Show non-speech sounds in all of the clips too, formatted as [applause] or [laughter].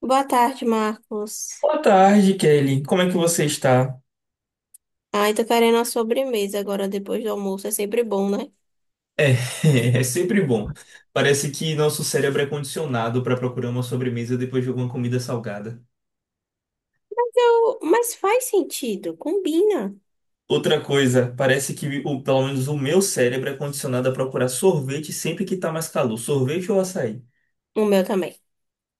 Boa tarde, Marcos. Boa tarde, Kelly. Como é que você está? Ai, tô querendo uma sobremesa agora depois do almoço. É sempre bom, né? É, [laughs] é sempre bom. Parece que nosso cérebro é condicionado para procurar uma sobremesa depois de alguma comida salgada. Mas faz sentido, combina. Outra coisa, parece que pelo menos o meu cérebro é condicionado a procurar sorvete sempre que tá mais calor, sorvete ou açaí. O meu também,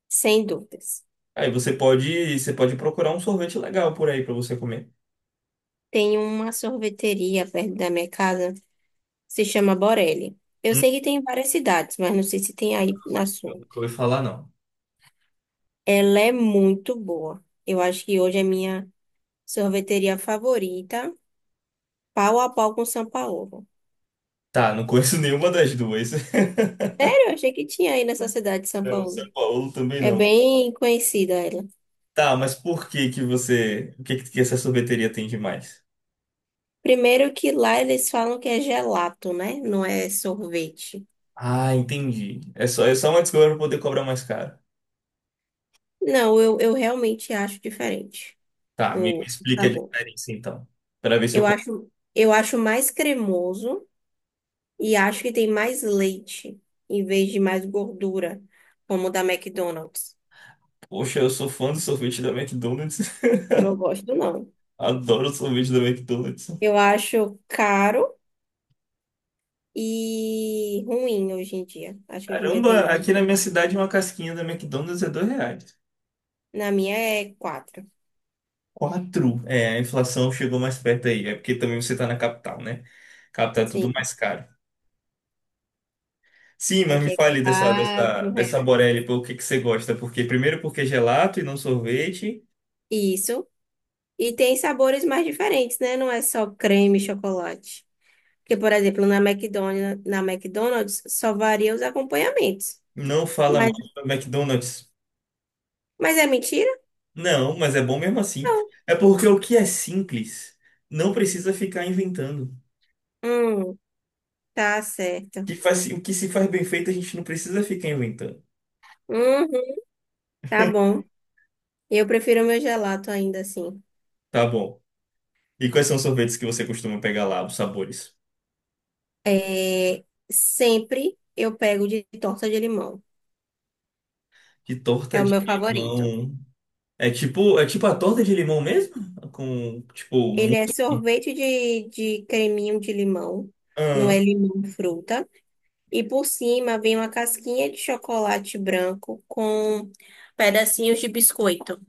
sem dúvidas. Aí você pode procurar um sorvete legal por aí para você comer. Tem uma sorveteria perto da minha casa, se chama Borelli. Eu Hum, sei que tem em várias cidades, mas não sei se tem aí na eu sua. nunca ouvi falar, não. Ela é muito boa. Eu acho que hoje é minha sorveteria favorita, pau a pau com São Paulo. Tá, não conheço [laughs] nenhuma das duas. [laughs] Sério, eu achei que tinha aí nessa cidade de São O Paulo. São Paulo também É não. bem conhecida ela. Tá, mas por que que você, o que que essa sorveteria tem de mais? Primeiro que lá eles falam que é gelato, né? Não é sorvete. Ah, entendi. É só uma desculpa pra poder cobrar mais caro. Não, eu realmente acho diferente Tá, me, o me o explique a sabor. diferença então. Pra ver se eu Eu compro. acho, eu acho mais cremoso e acho que tem mais leite em vez de mais gordura, como o da McDonald's. Poxa, eu sou fã do sorvete da McDonald's. [laughs] Eu não gosto, não. Adoro o sorvete da McDonald's. Eu acho caro e ruim hoje em dia. Acho que hoje em dia tem Caramba, muito aqui na minha gordura. cidade uma casquinha da McDonald's é R$ 2. Na minha é quatro. Quatro. É, a inflação chegou mais perto aí. É porque também você tá na capital, né? Capital é tudo Sim, mais caro. Sim, mas me aqui é fale dessa, dessa, quatro dessa reais. Borelli, pô, o que que você gosta? Porque primeiro porque é gelato e não sorvete. Isso. E tem sabores mais diferentes, né? Não é só creme e chocolate. Porque, por exemplo, na McDonald's só varia os acompanhamentos. Não fala mal Mas, do McDonald's. mas é mentira? Não, mas é bom mesmo assim. Não. É porque o que é simples não precisa ficar inventando. Hum, tá certo. O que se faz bem feito, a gente não precisa ficar inventando. Uhum, tá bom. Eu prefiro meu gelato ainda assim. Tá bom. E quais são os sorvetes que você costuma pegar lá, os sabores? É, sempre eu pego de torta de limão. Que É torta o de meu favorito. limão. É tipo a torta de limão mesmo? Com, tipo, Ele mu- é sorvete de creminho de limão. Não é ah, limão fruta. E por cima vem uma casquinha de chocolate branco com pedacinhos de biscoito,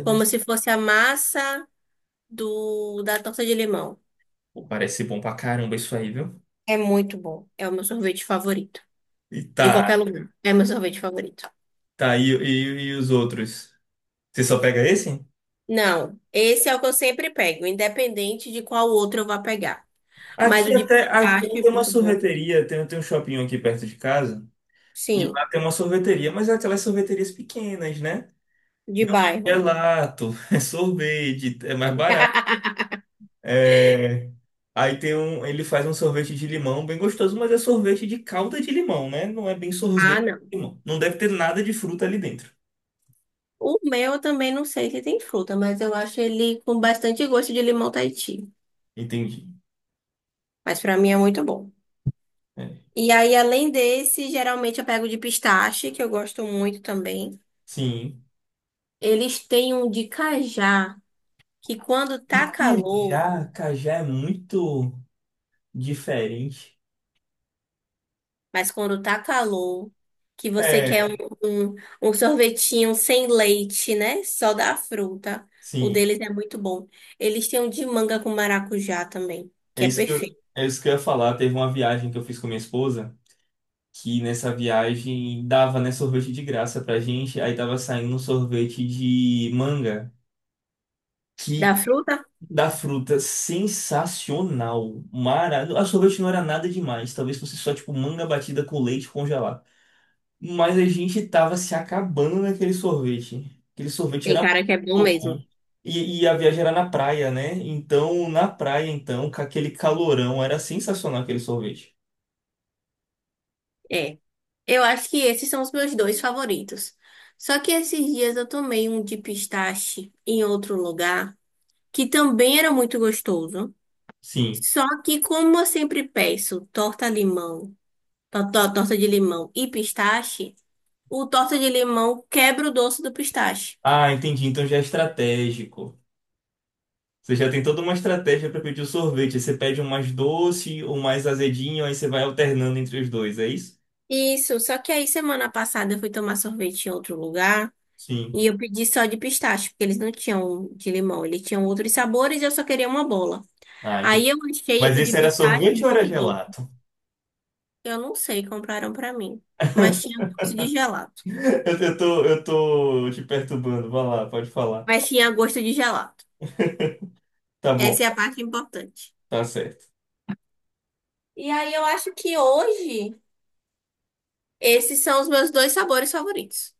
como se fosse a massa do da torta de limão. pô, parece bom pra caramba isso aí, viu? É muito bom. É o meu sorvete favorito. E De tá, qualquer lugar. É meu sorvete favorito. tá, e os outros? Você só pega esse? Não, esse é o que eu sempre pego, independente de qual outro eu vá pegar. Mas Aqui o de até, aqui pistache é tem uma muito bom. sorveteria, tem um shopping aqui perto de casa. E Sim, lá tem uma sorveteria, mas é aquelas sorveterias pequenas, né? de Não é bairro. gelato, [laughs] é sorvete, é mais barato. [laughs] É. Aí tem um, ele faz um sorvete de limão bem gostoso, mas é sorvete de calda de limão, né? Não é bem sorvete Ah, não. de limão. Não deve ter nada de fruta ali dentro. O meu eu também não sei se tem fruta, mas eu acho ele com bastante gosto de limão Tahiti. Entendi. Mas pra mim é muito bom. É. E aí, além desse, geralmente eu pego de pistache, que eu gosto muito também. Sim. Eles têm um de cajá, que quando E tá calor, cajá, cajá é muito diferente. mas quando tá calor, que você quer É, um, um sorvetinho sem leite, né? Só da fruta. O sim. deles é muito bom. Eles têm um de manga com maracujá também, É que é isso que eu, perfeito. é isso que eu ia falar. Teve uma viagem que eu fiz com minha esposa, que nessa viagem dava, né, sorvete de graça pra gente, aí tava saindo um sorvete de manga, Da que fruta, da fruta sensacional, mara, a sorvete não era nada demais, talvez fosse só tipo manga batida com leite congelado. Mas a gente tava se acabando naquele sorvete. Aquele sorvete tem era cara que é bom muito bom. mesmo. E a viagem era na praia, né? Então, na praia, então, com aquele calorão, era sensacional aquele sorvete. É. Eu acho que esses são os meus dois favoritos. Só que esses dias eu tomei um de pistache em outro lugar, que também era muito gostoso. Sim. Só que, como eu sempre peço torta limão, torta de limão e pistache, o torta de limão quebra o doce do pistache. Ah, entendi. Então já é estratégico. Você já tem toda uma estratégia para pedir o sorvete. Você pede um mais doce, um mais azedinho, aí você vai alternando entre os dois, é isso? Isso, só que aí semana passada eu fui tomar sorvete em outro lugar Sim. e eu pedi só de pistache, porque eles não tinham de limão, eles tinham outros sabores e eu só queria uma bola. Ah, Aí entendi. eu achei Mas o de esse era pistache sorvete ou era muito doce. gelato? Eu não sei, compraram pra mim. Mas tinha gosto de gelato. [laughs] Eu tô te perturbando. Vai lá, pode falar. Mas tinha gosto de gelato. Tá bom, Essa é a parte importante. tá certo. E aí eu acho que hoje esses são os meus dois sabores favoritos.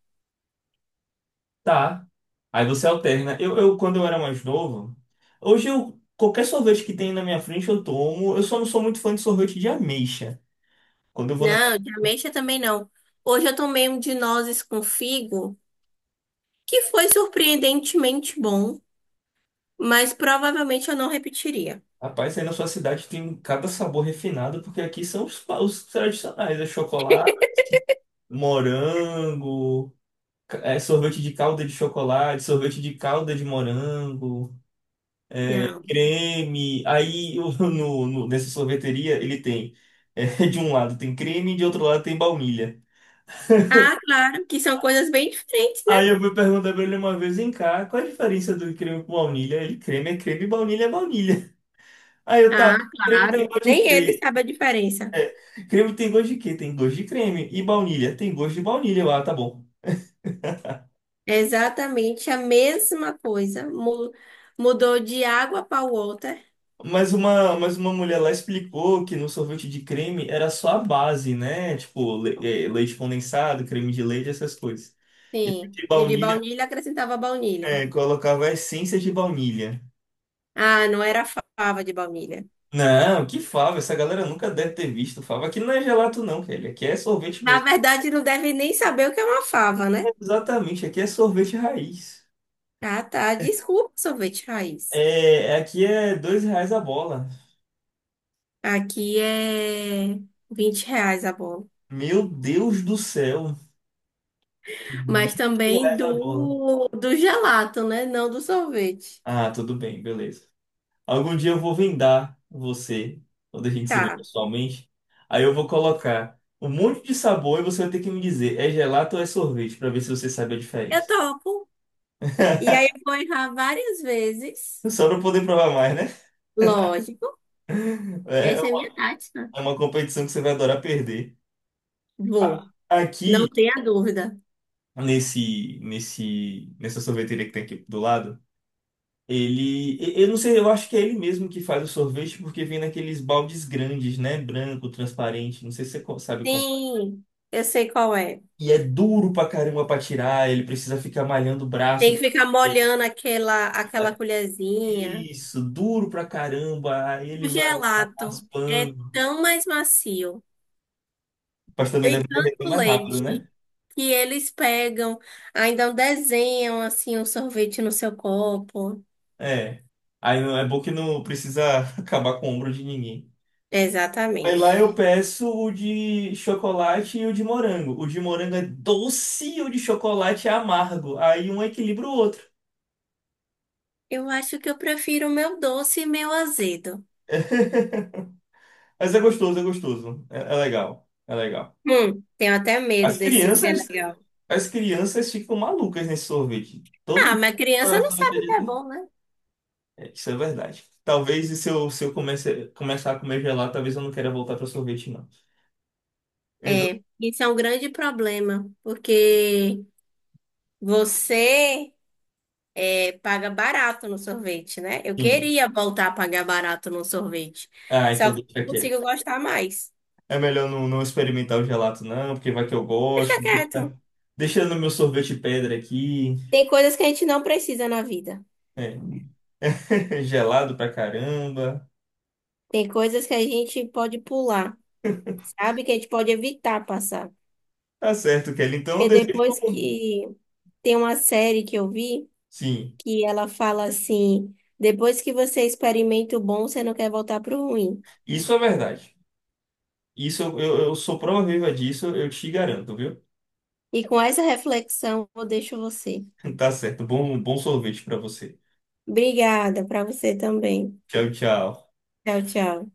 Tá. Aí você alterna. Quando eu era mais novo, hoje eu, qualquer sorvete que tem na minha frente eu tomo. Eu só não sou muito fã de sorvete de ameixa. Quando eu vou Não, de ameixa também não. Hoje eu tomei um de nozes com figo, que foi surpreendentemente bom, mas provavelmente eu não repetiria. Rapaz, aí na sua cidade tem cada sabor refinado, porque aqui são os tradicionais, é chocolate, morango, é sorvete de calda de chocolate, sorvete de calda de morango, é, Não. creme. Aí [laughs] nessa sorveteria ele tem, [laughs] de um lado tem creme e de outro lado tem baunilha. Ah, claro, que são coisas bem diferentes, Aí né? eu fui perguntar pra ele uma vez, vem cá, qual a diferença do creme com baunilha? Ele, creme é creme, baunilha é baunilha. Aí eu, tá, Ah, creme tem claro. gosto de Nem ele creme. sabe a diferença. É, creme tem gosto de quê? Tem gosto de creme. E baunilha? Tem gosto de baunilha. Ah, tá bom. É exatamente a mesma coisa. Mudou de água para o water. Mas uma mulher lá explicou que no sorvete de creme era só a base, né? Tipo, leite condensado, creme de leite, essas coisas. E Sim. de E o de baunilha, baunilha acrescentava baunilha. Colocava a essência de baunilha. Ah, não era fava de baunilha. Não, que fava, essa galera nunca deve ter visto fava. Aqui não é gelato não, velho. Aqui é sorvete Na mesmo. verdade, não deve nem saber o que é uma fava, É, né? exatamente, aqui é sorvete raiz. Ah, tá. Desculpa, sorvete raiz. É, aqui é R$ 2 a bola. Aqui é R$ 20 a bola. Meu Deus do céu. Mas 20 também reais a bola. do gelato, né? Não do sorvete. Ah, tudo bem, beleza. Algum dia eu vou vendar você, quando a gente se vê Tá. pessoalmente. Aí eu vou colocar um monte de sabor e você vai ter que me dizer, é gelato ou é sorvete, pra ver se você sabe a Eu diferença. topo. E [laughs] aí eu vou errar várias vezes. Só pra eu poder provar mais, né? Lógico. É é Essa é uma minha tática. é uma competição que você vai adorar perder. Vou, não Aqui, tenha dúvida. nessa sorveteria que tem aqui do lado, Eu não sei, eu acho que é ele mesmo que faz o sorvete porque vem naqueles baldes grandes, né? Branco, transparente, não sei se você sabe como é. Sim, eu sei qual é. E é duro pra caramba pra tirar, ele precisa ficar malhando o Tem braço. que ficar molhando aquela colherzinha. Isso, duro pra caramba. Aí ele O vai lá gelato é raspando. tão mais macio, Mas também tem deve derreter tanto mais rápido, leite, né? que eles pegam, ainda desenham assim um sorvete no seu copo. É. Aí não é bom que não precisa [laughs] acabar com o ombro de ninguém. Aí lá Exatamente. eu peço o de chocolate e o de morango. O de morango é doce e o de chocolate é amargo. Aí um equilibra o outro. Eu acho que eu prefiro o meu doce e meu azedo. [laughs] Mas é gostoso, é gostoso. É, é legal, é legal. Tenho até medo As desse que é crianças, legal. as crianças ficam malucas nesse sorvete. Todo Ah, dia. mas criança pra não sabe o que sorvete é de- bom, né? É, isso é verdade. Talvez se eu começar a comer gelado, talvez eu não queira voltar para sorvete, não. Então, É, isso é um grande problema, porque você é, paga barato no sorvete, né? Eu sim. queria voltar a pagar barato no sorvete, Ah, só então que deixa não quieto. consigo gostar mais. É melhor não experimentar o gelato, não, porque vai que eu Deixa gosto. quieto. Deixa, deixa no meu sorvete pedra aqui. Tem coisas que a gente não precisa na vida. É, [laughs] gelado pra caramba. Tem coisas que a gente pode pular, sabe? Que a gente pode evitar passar. Tá certo, Kelly. Então, eu Porque desejo. depois um- que tem uma série que eu vi Sim, que ela fala assim: depois que você experimenta o bom, você não quer voltar pro ruim. isso é verdade. Isso eu sou prova viva disso, eu te garanto, viu? E com essa reflexão, eu deixo você. [laughs] Tá certo. Bom, bom sorvete pra você. Obrigada para você também. Tchau, tchau. Tchau, tchau.